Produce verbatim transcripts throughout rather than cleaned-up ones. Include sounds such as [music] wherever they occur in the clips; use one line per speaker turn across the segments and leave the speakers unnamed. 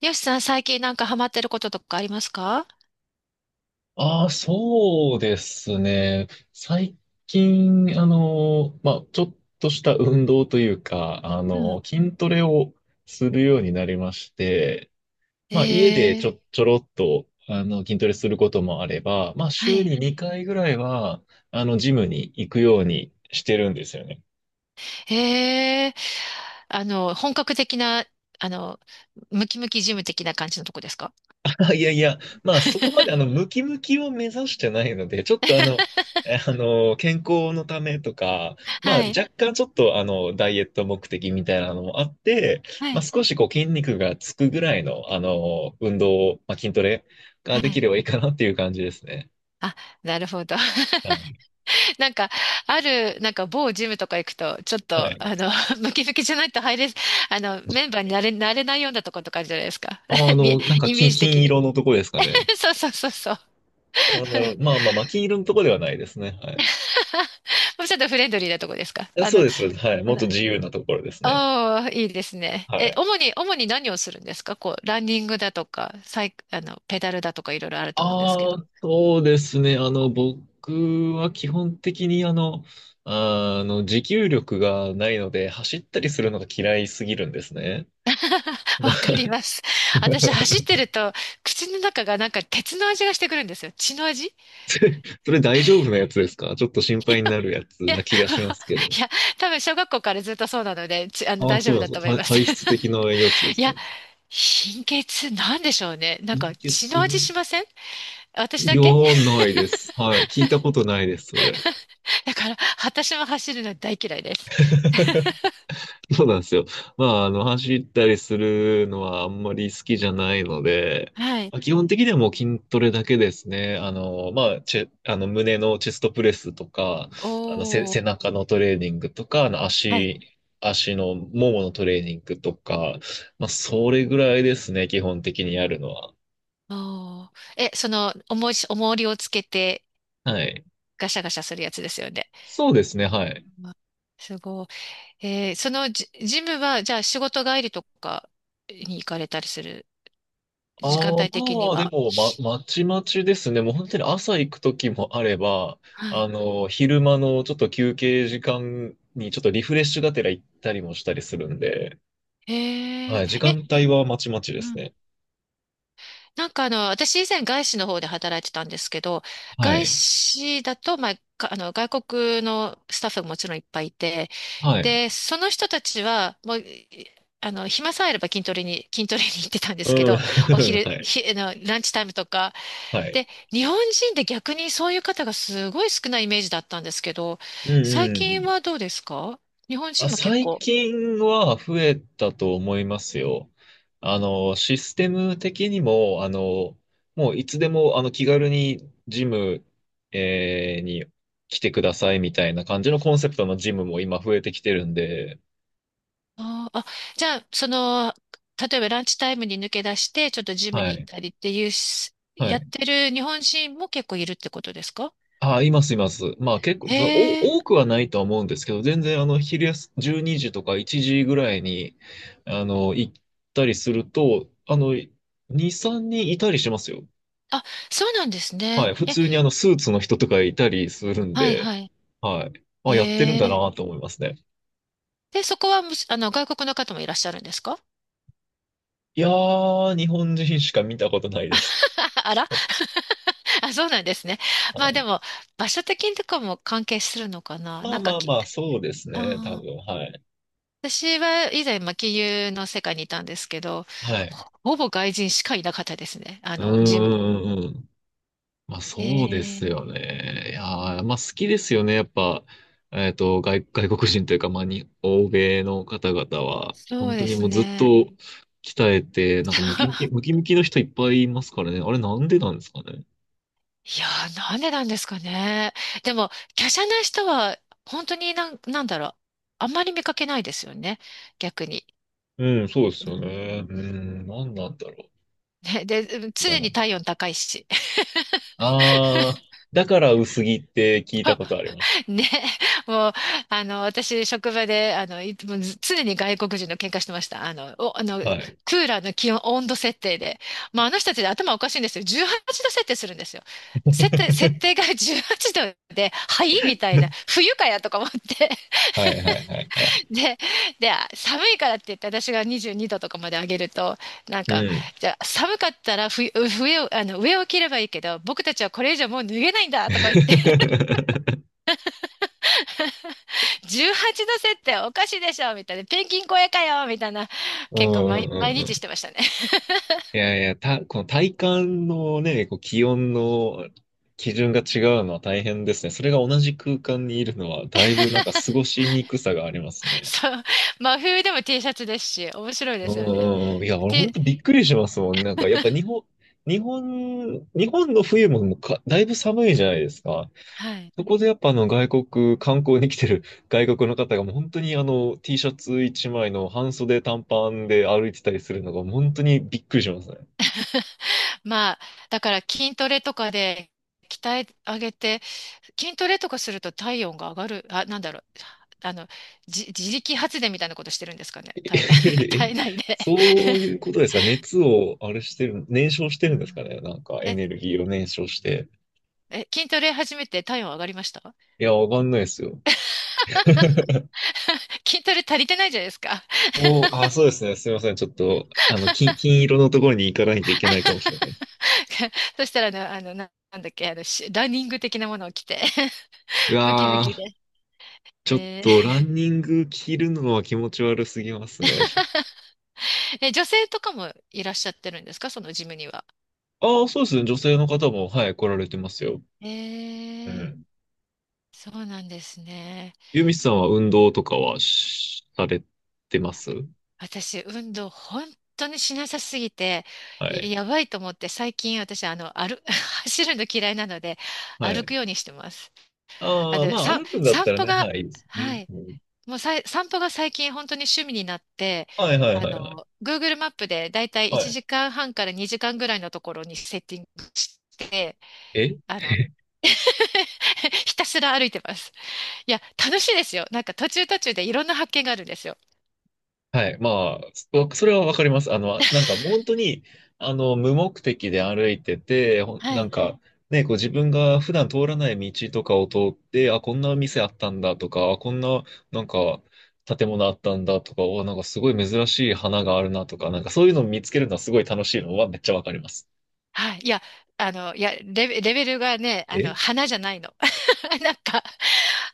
よしさん、最近なんかハマってることとかありますか？
ああ、そうですね。最近、あの、まあ、ちょっとした運動というか、あ
うん。
の、筋トレをするようになりまして、まあ、家で
え
ち
え。
ょ、ちょろっと、あの、筋トレすることもあれば、まあ、
は
週
い。
ににかいぐらいは、あの、ジムに行くようにしてるんですよね。
ええ。あの、本格的な、あの、ムキムキジム的な感じのとこですか？
あ、いやいや、まあそこまであの
[laughs]
ムキムキを目指してないので、ちょっとあの、えあの、健康のためとか、まあ
はい。
若干ちょっとあの、ダイエット目的みたいなのもあって、
は
まあ
い。
少しこう筋肉がつくぐらいのあの、運動、まあ筋トレ
は
ができ
い。
ればいいかなっていう感じですね。
あ、なるほど。[laughs]
はい。
なんか、ある、なんか某ジムとか行くと、ちょっ
は
と、
い。
あの、[laughs] ムキムキじゃないと入れ、あの、メンバーになれ、なれないようなとことかあるじゃないですか。
あ、あ
[laughs] み、
の、なんか
イメー
金、
ジ的
金
に。
色のとこですかね？
[laughs] そうそうそうそう。
あ、なるほど。まあまあまあ、金色のとこではないですね。はい。い
[laughs] もうちょっとフレンドリーなとこですか？
や
あ
そう
の、
です、そうです。はい。
あ
もっ
の、
と自由なところですね。
ああ、いいですね。
は
え、
い。
主に、主に何をするんですか？こう、ランニングだとか、サイク、あの、ペダルだとかいろいろあると思うんですけ
ああ、
ど。
そうですね。あの、僕は基本的にあの、あーあの、持久力がないので、走ったりするのが嫌いすぎるんですね。
[laughs] わか
[laughs]
ります。私、走ってると、口の中がなんか鉄の味がしてくるんですよ。血の味。い
それ大丈夫なやつですか？ちょっと心配になるやつ
や、[laughs]
な気がしますけど。
いや、多分小学校からずっとそうなので、ちあの、
ああ、
大
そ
丈
う
夫
なん
だ
ですか。
と思い
体
ます。
体質的
[laughs]
なやつです
い
か
や、
ね？
貧血なんでしょうね。なんか
貧血？
血の味しません？
い
私だ
や
け？
ー、ないです。はい。聞いたことないです、それ。
だから、私も走るの大嫌いです。
[laughs] [laughs] そうなんですよ。まあ、あの、走ったりするのはあんまり好きじゃないので、
はい。
まあ、基本的にはもう筋トレだけですね。あの、まあ、チェ、あの、胸のチェストプレスとか、あの、せ、
おー。
背中のトレーニングとか、あの、
はい。
足、足のもものトレーニングとか、まあ、それぐらいですね、基本的にやるのは。
おー。え、その、重いし、重りをつけて、
はい。
ガシャガシャするやつですよね。
そうですね、はい。
うん、すごい。えーそのジ、ジムは、じゃあ仕事帰りとかに行かれたりする、時間
ああ、
帯的に
まあ、で
は。
も、ま、まちまちですね。もう本当に朝行く時もあれば、
は
あ
い。
の、昼間のちょっと休憩時間にちょっとリフレッシュがてら行ったりもしたりするんで、
へ
は
え。
い、時
え、
間帯はまちまちで
う
す
ん。
ね。
なんかあの、私以前外資の方で働いてたんですけど、
は
外
い。
資だと、まあ、かあの、外国のスタッフももちろんいっぱいいて、
はい。
で、その人たちは、もう、いあの、暇さえあれば筋トレに、筋トレに行ってたんですけ
うん。
ど、お
[laughs] は
昼、
い。
ひ、あの、ランチタイムとか。
は
で、
い。
日本人で逆にそういう方がすごい少ないイメージだったんですけど、
うん
最
う
近
ん。
はどうですか？日本
あ、
人も結
最
構。
近は増えたと思いますよ。あの、システム的にも、あの、もういつでも、あの、気軽にジム、えーに来てくださいみたいな感じのコンセプトのジムも今増えてきてるんで、
あー、あじゃあ、その、例えばランチタイムに抜け出して、ちょっとジム
は
に行っ
い。
たりっていうし、
は
やっ
い。
てる日本人も結構いるってことですか？
あ、います、います。まあ結構、その、
へえ。
お、多くはないとは思うんですけど、全然、あの、昼休、じゅうにじとかいちじぐらいに、あの、行ったりすると、あの、ふた、さんにんいたりしますよ。
あ、そうなんです
は
ね。
い。普
え、
通にあの、スーツの人とかいたりするん
はい
で、
はい。
はい。あ、やってるん
へ
だ
え。
なと思いますね。
で、そこはむし、あの、外国の方もいらっしゃるんですか？
いやー、日本人しか見たことないです。
[laughs] あら。 [laughs] あ、そうなんですね。
は
まあで
い。
も、場所的にとかも関係するのかな、
まあ
なん
ま
か
あ
き、
まあ、そうですね。多
あー、
分、はい。
私は以前、まあ、金融の世界にいたんですけど、
はい。
ほ、ほぼ外人しかいなかったですね。あ
うん
の、事務、
うんうんうん。まあ
え
そうです
ー、
よね。いやー、まあ好きですよね。やっぱ、えっと、外、外国人というか、まあに、欧米の方々は、
そ
本
う
当
で
に
す
もうずっと
ね。
鍛えて、なんかムキムキ、
[laughs]
ムキムキの人いっぱいいますからね。あれなんでなんですかね？
いやー、なんでなんですかね。でも、華奢な人は、本当になん、なんだろう。あんまり見かけないですよね。逆に。
うん、そうです
う
よね。う
ん、
ん、なんなんだろ
ね、で、うん、
う。だ
常
な。
に体温高いし。
あー、だから薄着って聞いたことあります。
[laughs] ね。もう、あの、私、職場で、あの、いつもず常に外国人の喧嘩してました。あの、お、あの、
はい。
クーラーの気温、温度設定で。まあ、あの人たちで頭おかしいんですよ。じゅうはちど設定するんですよ。設定、設定
[laughs]
が [laughs] じゅうはちどで、はいみたいな。冬かやとか思って。
はいはいはいはい。
[laughs] で、で、寒いからって言って、私がにじゅうにどとかまで上げると、なん
う
か、
ん。
じゃあ寒かったら冬、冬あの、上を着ればいいけど、僕たちはこれ以上もう脱げないんだとか言って。
[laughs]
[laughs] じゅうはちど設定おかしいでしょみたいな。ペンギン超えかよみたいな。
う
結構
んうん
毎、
う
毎
んう
日し
ん。
てましたね。
いやいや、た、この体感のね、こう気温の基準が違うのは大変ですね。それが同じ空間にいるのは、だいぶなんか過ごしにくさがあります
[laughs]
ね。
そう。真冬でも T シャツですし、面白い
う
ですよね。
んうんいや、俺本
T、
当びっくりしますもん。なんか、やっぱ日本、日本、日本の冬ももうか、だいぶ寒いじゃないですか。
はい。
そこでやっぱあの外国、観光に来てる [laughs] 外国の方がもう本当にあの T シャツいちまいの半袖短パンで歩いてたりするのが本当にびっくりしますね。
[laughs] まあ、だから筋トレとかで鍛え上げて、筋トレとかすると体温が上がる、あ、なんだろう、あの、じ、自力発電みたいなことしてるんですかね、
[laughs]
体、[laughs]
え、
体内で。
そういうことですか？熱をあれしてる、燃焼して
う
るんですか
ん。
ね？なんか
[laughs]
エ
え、
ネルギーを燃焼して。
え、筋トレ始めて体温上がりました？
いや、わかんないですよ。[laughs]
[laughs] 筋トレ足りてないじゃないですか。
おー、あー、そうですね。すいません。ちょっと、あの、金、金色のところに行かないといけないかもしれな
[laughs]
いです。
[laughs] そしたらね、あの、な、なんだっけ、あの、しランニング的なものを着て [laughs]
う
ムキム
わ
キ
ー、
で。
ちょっ
え
と、ラ
ー、
ンニング着るのは気持ち悪すぎますね。ちょ
え、女性とかもいらっしゃってるんですかそのジムには？
ああ、そうですね。女性の方も、はい、来られてますよ。
え
う
ー、
ん。
そうなんですね。
ユミさんは運動とかはしされてます？
私、運動本当にしなさすぎて、
は
い
い。
やばいと思って、最近私、あの、歩、[laughs] 走るの嫌いなので、
は
歩
い。
くようにしてます。あ
ああ、
の、
まあ、
さ、
歩くんだっ
散
たら
歩
ね、
が、
はい、いいです
は
ね。
い、
うん
もうさい、散歩が最近本当に趣味になって、
はいはい
あ
はいはい。
の、Google マップでだいたい
は
1
い。
時間半からにじかんぐらいのところにセッティングして、
え
あの、
[laughs]
[laughs] ひたすら歩いてます。いや、楽しいですよ。なんか途中途中でいろんな発見があるんですよ。
はい。まあ、わそれはわかります。あの、なんか本当に、あの、無目的で歩いてて、ほん
は
なん
い。
か、ね、こう自分が普段通らない道とかを通って、あ、こんな店あったんだとか、あ、こんな、なんか、建物あったんだとか、お、なんかすごい珍しい花があるなとか、なんかそういうのを見つけるのはすごい楽しいのはめっちゃわかります。
はい。いや、あの、いや、レベ、レベルがね、あの、
え
花じゃないの。[laughs] なんか、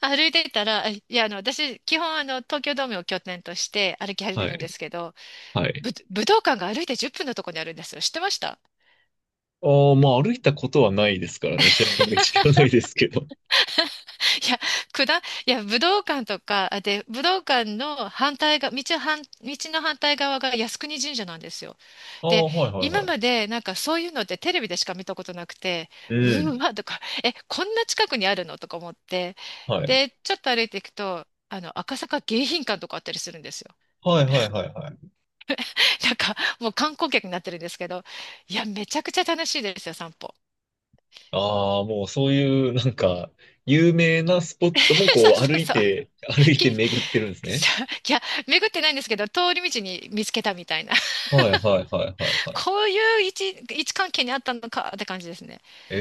歩いてたら、いや、あの、私、基本、あの、東京ドームを拠点として歩き始め
は
るんで
い。
すけど、
はい。
ぶ、武道館が歩いてじゅっぷんのところにあるんですよ。知ってました？
ああ、まあ歩いたことはないですからね。知らない、知らないですけど。
いや、くだ、いや、武道館とか、あで、武道館の反対が、道反、道の反対側が靖国神社なんですよ。
あ
で、
あ、はいはい
今
は
ま
い。
でなんかそういうのってテレビでしか見たことなくて、
う
う
ん。
ーわ、とか、え、こんな近くにあるのとか思って、
はい。
で、ちょっと歩いていくと、あの、赤坂迎賓館とかあったりするんですよ。
はいはいはいはい。
[laughs] なんか、もう観光客になってるんですけど、いや、めちゃくちゃ楽しいですよ、散歩。
ああ、もうそういう、なんか、有名なスポ
[laughs]
ットも
そ
こ
う
う歩
そう
い
そう。
て、歩いて
き、[laughs] い
巡ってるんですね。
や、巡ってないんですけど、通り道に見つけたみたいな。
はいはいはいはいはい。
こういう位置、位置関係にあったのかって感じですね。
え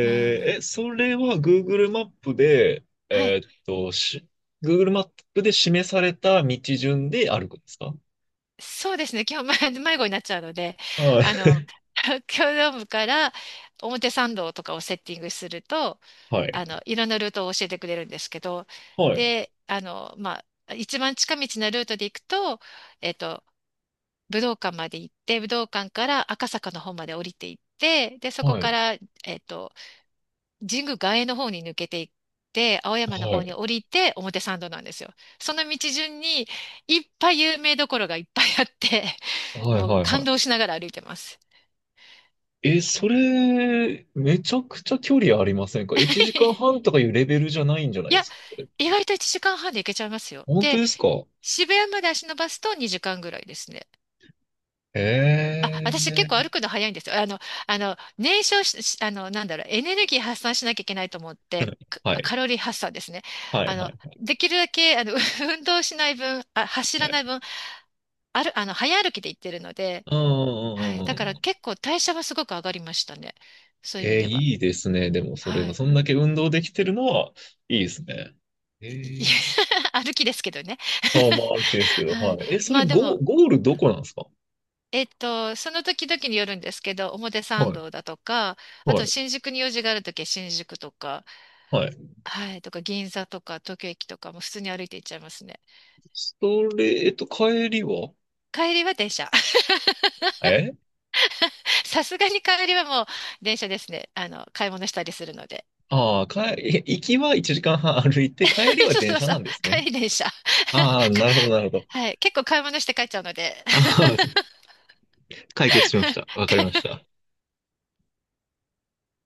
はい。
ー、え、それは Google マップで、
はい。
えーっと、し、Google マップで示された道順で歩くんですか？
そうですね。基本迷迷子になっちゃうので、
は
あ
い。
の、[laughs] 東京ドームから表参道とかをセッティングすると、
はい。
あの、いろんなルートを教えてくれるんですけど、
はい。
で、あの、まあ、一番近道なルートで行くと、えっと、武道館まで行って、武道館から赤坂の方まで降りていって、で、そこ
は
か
い。
ら、えっと、神宮外苑の方に抜けていって、青山の
は
方に
い。
降りて表参道なんですよ。その道順にいっぱい有名どころがいっぱいあって、[laughs]
はい
もう
はい
感
は
動しながら歩いてます。
い。え、
は
そ
い。
れ、めちゃくちゃ距離ありませんか？ いち 時間
[laughs]
半とかいうレベルじゃないんじゃない
い
で
や、
すかこれ？
意外といちじかんはんで行けちゃいますよ。
本当
で、
ですか？
渋谷まで足伸ばすとにじかんぐらいですね。あ、
え
私結構
え、
歩くの早いんですよ。あの、あの、燃焼し、しあの、なんだろう、エネルギー発散しなきゃいけないと思って、
は
カ
い。
カロリー発散ですね。
はい、
あ
は
の、
い、
できるだけ、あの、[laughs] 運動しない分、あ、走
は
らな
い。
い分、ある、あの、早歩きで行ってるので、
うんう
はい。
んうんうん
だか
う
ら
ん。
結構代謝はすごく上がりましたね。そういう意味
えー、
では。
いいですね。でも、それ
は
は、
い。
そんだけ運動できてるのは、いいですね。え
い
ー、
[laughs] 歩きですけどね。
まあまあ、あるけですけ
[laughs]
ど、
は
は
い。
い。え、そ
ま
れ、
あで
ゴ、
も、
ゴールどこなんですか？
えっと、その時々によるんですけど、表参
はい、
道だとか、あ
は
と
い、
新宿に用事がある時は新宿とか、
はい。
はい、とか銀座とか東京駅とかも普通に歩いて行っちゃいますね。
それ、えっと、帰りは？
帰りは電車。[laughs]
え
さすがに帰りはもう電車ですね。あの、買い物したりするので。
ああー、帰、[laughs] え行きはいちじかんはん歩いて、帰り
[laughs]
は
そう
電
そう
車
そう。
なんですね。
帰り電車。[laughs] か、
ああ、なるほど、なるほど。
はい、結構買い物して帰っちゃうので。
ああ、
[laughs]
[laughs] 解決しました。わかりました。